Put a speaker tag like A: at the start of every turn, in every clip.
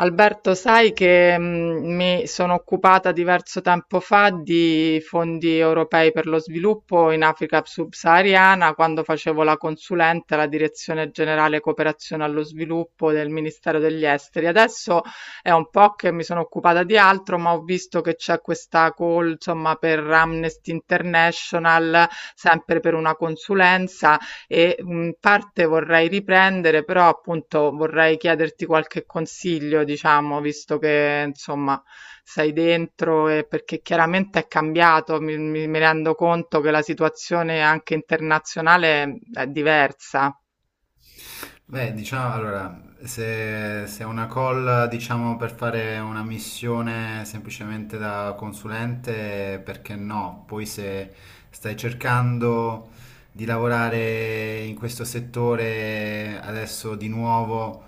A: Alberto, sai che mi sono occupata diverso tempo fa di fondi europei per lo sviluppo in Africa subsahariana quando facevo la consulente alla Direzione Generale Cooperazione allo Sviluppo del Ministero degli Esteri. Adesso è un po' che mi sono occupata di altro, ma ho visto che c'è questa call, insomma, per Amnesty International, sempre per una consulenza e parte vorrei riprendere, però appunto vorrei chiederti qualche consiglio, diciamo, visto che insomma sei dentro e perché chiaramente è cambiato, mi rendo conto che la situazione anche internazionale è diversa.
B: Beh, diciamo, allora, se è una call, diciamo, per fare una missione semplicemente da consulente, perché no? Poi se stai cercando di lavorare in questo settore adesso di nuovo,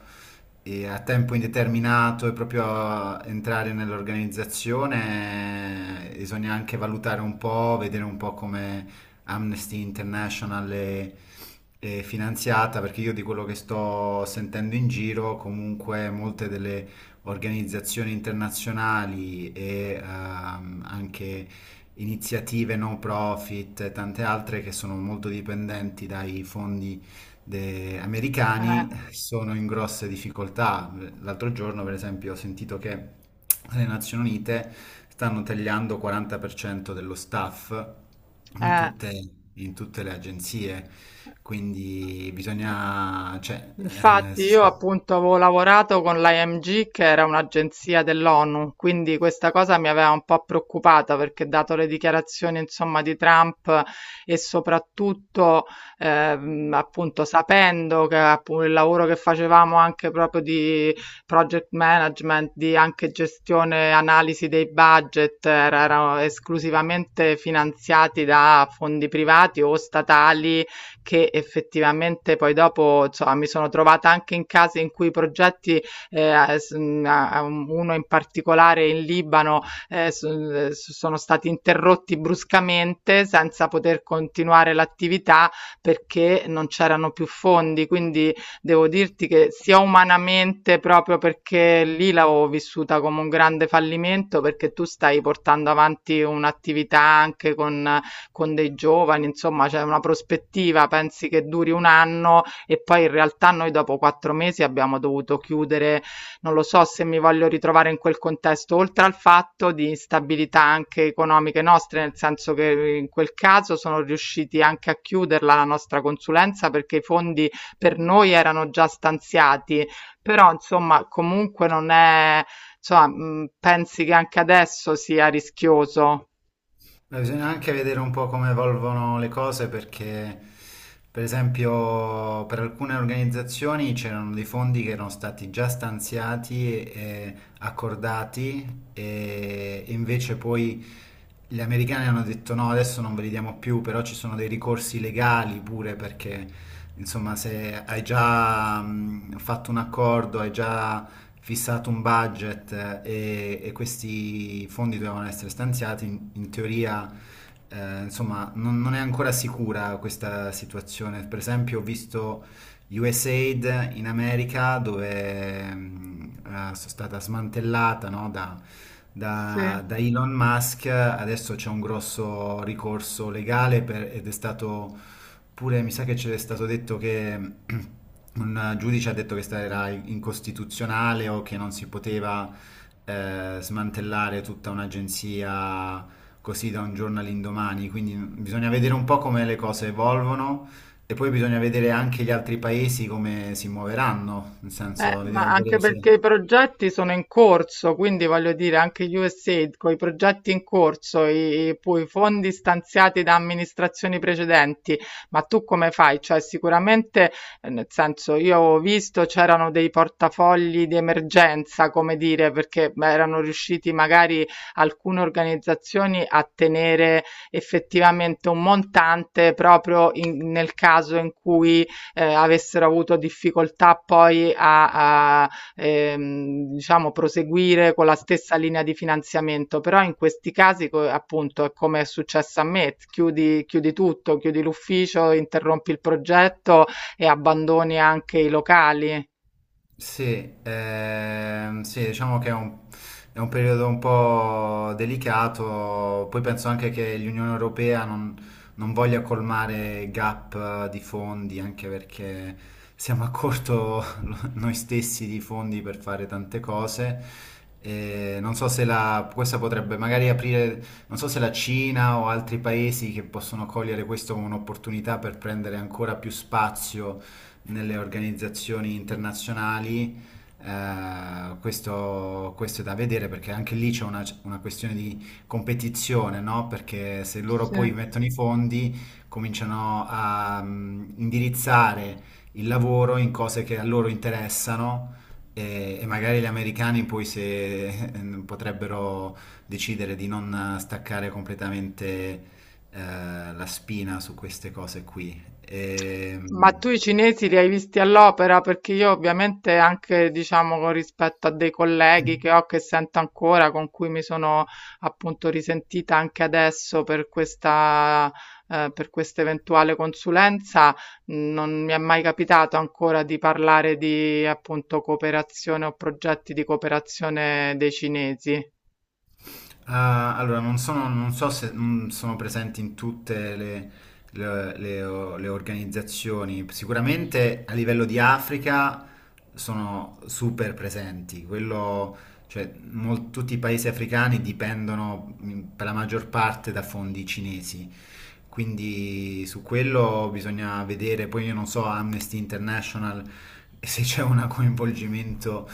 B: e a tempo indeterminato e proprio a entrare nell'organizzazione, bisogna anche valutare un po', vedere un po' come Amnesty International e finanziata, perché io di quello che sto sentendo in giro, comunque molte delle organizzazioni internazionali e anche iniziative non profit e tante altre che sono molto dipendenti dai fondi
A: Eh,
B: americani sono in grosse difficoltà. L'altro giorno, per esempio, ho sentito che le Nazioni Unite stanno tagliando 40% dello staff
A: eh.
B: in tutte le agenzie, quindi bisogna, cioè, eh,
A: Infatti
B: s-
A: io appunto avevo lavorato con l'IMG che era un'agenzia dell'ONU, quindi questa cosa mi aveva un po' preoccupata perché dato le dichiarazioni insomma di Trump e soprattutto appunto sapendo che appunto il lavoro che facevamo anche proprio di project management, di anche gestione, analisi dei budget erano esclusivamente finanziati da fondi privati o statali che effettivamente poi dopo, insomma, mi sono trovata anche in casi in cui i progetti, uno in particolare in Libano, sono stati interrotti bruscamente senza poter continuare l'attività perché non c'erano più fondi. Quindi devo dirti che sia umanamente, proprio perché lì l'avevo vissuta come un grande fallimento, perché tu stai portando avanti un'attività anche con dei giovani, insomma, c'è una prospettiva, pensi che duri un anno e poi in realtà noi dopo 4 mesi abbiamo dovuto chiudere, non lo so se mi voglio ritrovare in quel contesto, oltre al fatto di instabilità anche economiche nostre, nel senso che in quel caso sono riusciti anche a chiuderla la nostra consulenza perché i fondi per noi erano già stanziati, però insomma comunque non è, insomma, pensi che anche adesso sia rischioso?
B: beh, bisogna anche vedere un po' come evolvono le cose perché, per esempio, per alcune organizzazioni c'erano dei fondi che erano stati già stanziati e accordati e invece poi gli americani hanno detto no, adesso non ve li diamo più, però ci sono dei ricorsi legali pure perché, insomma, se hai già fatto un accordo, hai già fissato un budget e questi fondi dovevano essere stanziati, in teoria insomma non è ancora sicura questa situazione. Per esempio ho visto USAID in America dove sono stata smantellata no,
A: Sì.
B: da Elon Musk, adesso c'è un grosso ricorso legale ed è stato pure mi sa che c'è stato detto che un giudice ha detto che era incostituzionale o che non si poteva smantellare tutta un'agenzia così da un giorno all'indomani, quindi bisogna vedere un po' come le cose evolvono e poi bisogna vedere anche gli altri paesi come si muoveranno, nel senso,
A: Ma anche
B: vedere se...
A: perché i progetti sono in corso, quindi voglio dire, anche USAID con i progetti in corso, poi i fondi stanziati da amministrazioni precedenti, ma tu come fai? Cioè, sicuramente, nel senso, io ho visto c'erano dei portafogli di emergenza, come dire, perché beh, erano riusciti magari alcune organizzazioni a tenere effettivamente un montante proprio nel caso in cui avessero avuto difficoltà poi a, diciamo, proseguire con la stessa linea di finanziamento, però in questi casi, appunto, è come è successo a me, chiudi, chiudi tutto, chiudi l'ufficio, interrompi il progetto e abbandoni anche i locali.
B: Sì, sì, diciamo che è è un periodo un po' delicato, poi penso anche che l'Unione Europea non voglia colmare gap di fondi, anche perché siamo a corto noi stessi di fondi per fare tante cose. E non so se questa potrebbe magari aprire, non so se la Cina o altri paesi che possono cogliere questo come un'opportunità per prendere ancora più spazio nelle organizzazioni internazionali, questo è da vedere perché anche lì c'è una questione di competizione, no? Perché se loro
A: Sì.
B: poi mettono i fondi, cominciano a indirizzare il lavoro in cose che a loro interessano. E magari gli americani poi se potrebbero decidere di non staccare completamente la spina su queste cose qui. E,
A: Ma tu i cinesi li hai visti all'opera? Perché io ovviamente anche, diciamo, con rispetto a dei colleghi che ho, che sento ancora, con cui mi sono appunto risentita anche adesso per questa eventuale consulenza, non mi è mai capitato ancora di parlare di appunto cooperazione o progetti di cooperazione dei cinesi.
B: ah, allora, non so se sono presenti in tutte le organizzazioni. Sicuramente a livello di Africa sono super presenti. Quello, cioè, tutti i paesi africani dipendono per la maggior parte da fondi cinesi. Quindi su quello bisogna vedere. Poi io non so, Amnesty International, se c'è un coinvolgimento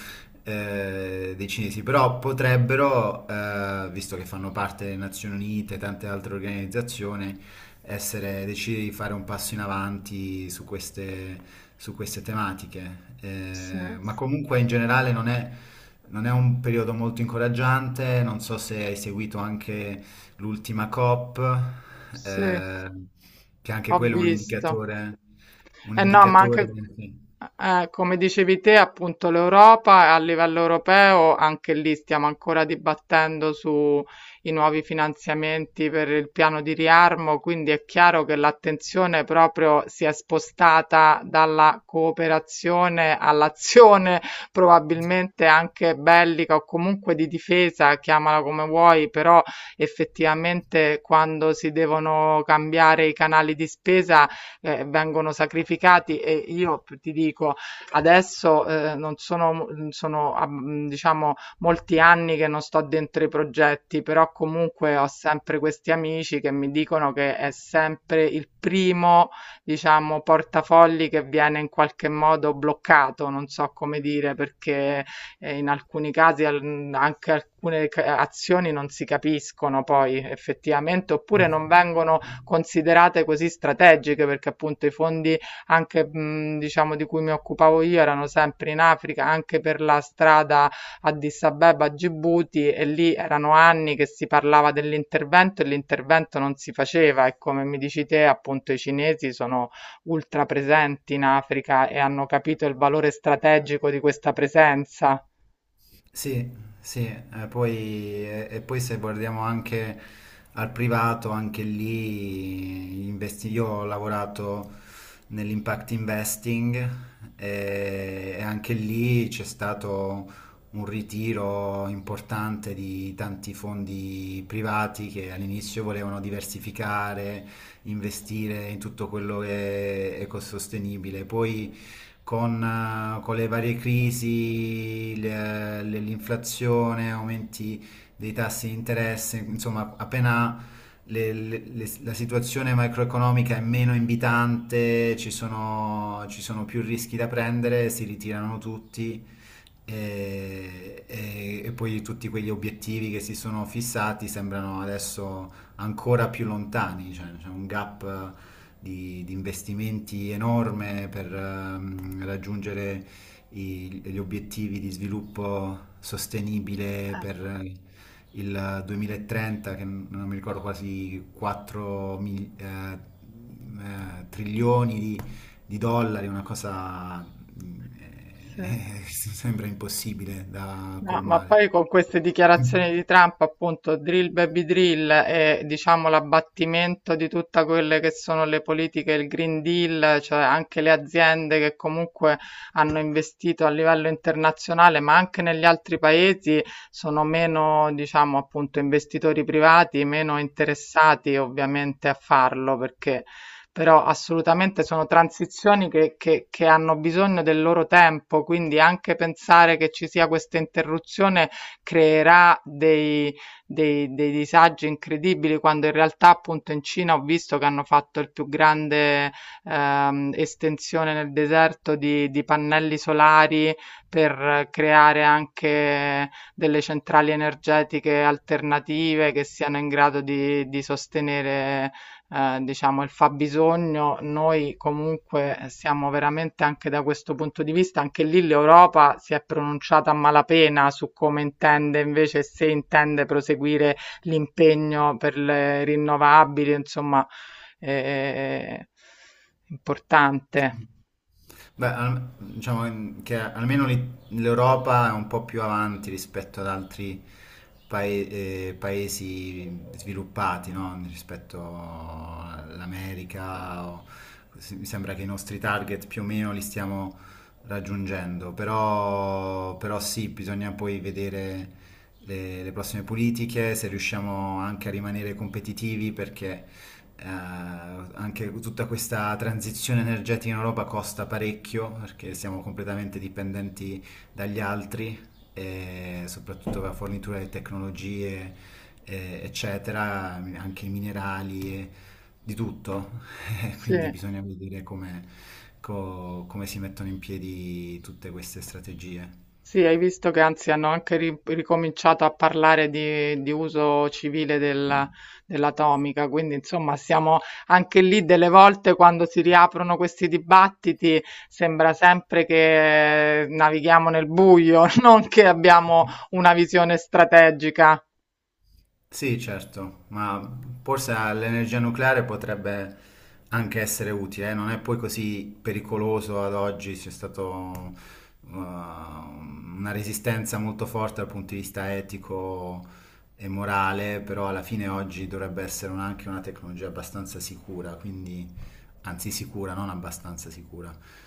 B: dei cinesi, però potrebbero, visto che fanno parte delle Nazioni Unite e tante altre organizzazioni, essere, decidere di fare un passo in avanti su queste tematiche.
A: Sì,
B: Ma comunque in generale non è un periodo molto incoraggiante, non so se hai seguito anche l'ultima COP,
A: sì,
B: eh, che anche
A: ho
B: quello è
A: visto.
B: un
A: Eh no, ma
B: indicatore...
A: anche, come dicevi te, appunto l'Europa a livello europeo, anche lì stiamo ancora dibattendo sui nuovi finanziamenti per il piano di riarmo, quindi è chiaro che l'attenzione proprio si è spostata dalla cooperazione all'azione probabilmente anche bellica o comunque di difesa, chiamala come vuoi, però effettivamente quando si devono cambiare i canali di spesa vengono sacrificati e io ti dico adesso non sono, sono diciamo molti anni che non sto dentro i progetti, però comunque ho sempre questi amici che mi dicono che è sempre il primo, diciamo, portafogli che viene in qualche modo bloccato, non so come dire, perché in alcuni casi anche alcune azioni non si capiscono poi effettivamente, oppure non vengono
B: Sì,
A: considerate così strategiche perché appunto i fondi anche diciamo di cui mi occupavo io erano sempre in Africa, anche per la strada Addis Abeba a Gibuti e lì erano anni che si parlava dell'intervento e l'intervento non si faceva e come mi dici te appunto i cinesi sono ultra presenti in Africa e hanno capito il valore strategico di questa presenza.
B: sì, sì, e poi se guardiamo anche al privato, anche lì io ho lavorato nell'impact investing e anche lì c'è stato un ritiro importante di tanti fondi privati che all'inizio volevano diversificare, investire in tutto quello che è ecosostenibile, poi con le varie crisi, l'inflazione, aumenti dei tassi di interesse, insomma, appena la situazione macroeconomica è meno invitante, ci sono più rischi da prendere, si ritirano tutti e poi tutti quegli obiettivi che si sono fissati sembrano adesso ancora più lontani, cioè c'è un gap di investimenti enorme per raggiungere gli obiettivi di sviluppo sostenibile
A: Eh,
B: per il 2030, che non mi ricordo quasi 4 trilioni di dollari, una cosa mm,
A: sì.
B: sembra impossibile da
A: No, ma
B: colmare.
A: poi con queste dichiarazioni di Trump, appunto, drill baby drill e diciamo l'abbattimento di tutte quelle che sono le politiche, il Green Deal, cioè anche le aziende che comunque hanno investito a livello internazionale, ma anche negli altri paesi sono meno, diciamo, appunto, investitori privati, meno interessati ovviamente a farlo perché però assolutamente sono transizioni che hanno bisogno del loro tempo, quindi anche pensare che ci sia questa interruzione creerà dei, dei disagi incredibili, quando in realtà appunto in Cina ho visto che hanno fatto il più grande estensione nel deserto di pannelli solari per creare anche delle centrali energetiche alternative che siano in grado di sostenere diciamo, il fabbisogno, noi comunque siamo veramente anche da questo punto di vista, anche lì l'Europa si è pronunciata a malapena su come intende invece, se intende proseguire l'impegno per le rinnovabili, insomma, eh, importante.
B: Beh, diciamo che almeno l'Europa è un po' più avanti rispetto ad altri pae- paesi sviluppati, no? Rispetto all'America. Mi sembra che i nostri target più o meno li stiamo raggiungendo, però sì, bisogna poi vedere le prossime politiche, se riusciamo anche a rimanere competitivi, perché anche tutta questa transizione energetica in Europa costa parecchio perché siamo completamente dipendenti dagli altri, e soprattutto la fornitura di tecnologie, eccetera, anche i minerali, e di tutto.
A: Sì.
B: Quindi bisogna vedere come si mettono in piedi tutte queste strategie.
A: Sì, hai visto che anzi hanno anche ricominciato a parlare di uso civile dell'atomica, quindi insomma siamo anche lì delle volte quando si riaprono questi dibattiti, sembra sempre che navighiamo nel buio, non che abbiamo una visione strategica.
B: Sì, certo, ma forse l'energia nucleare potrebbe anche essere utile, non è poi così pericoloso ad oggi, c'è stata una resistenza molto forte dal punto di vista etico e morale, però alla fine oggi dovrebbe essere anche una tecnologia abbastanza sicura, quindi, anzi sicura, non abbastanza sicura.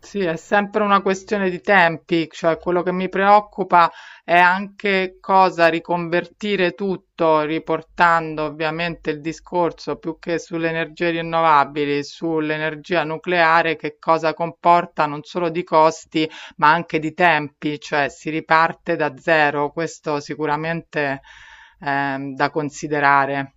A: Sì, è sempre una questione di tempi, cioè quello che mi preoccupa è anche cosa riconvertire tutto, riportando ovviamente il discorso più che sulle energie rinnovabili, sull'energia nucleare, che cosa comporta non solo di costi, ma anche di tempi, cioè si riparte da zero, questo sicuramente è da considerare.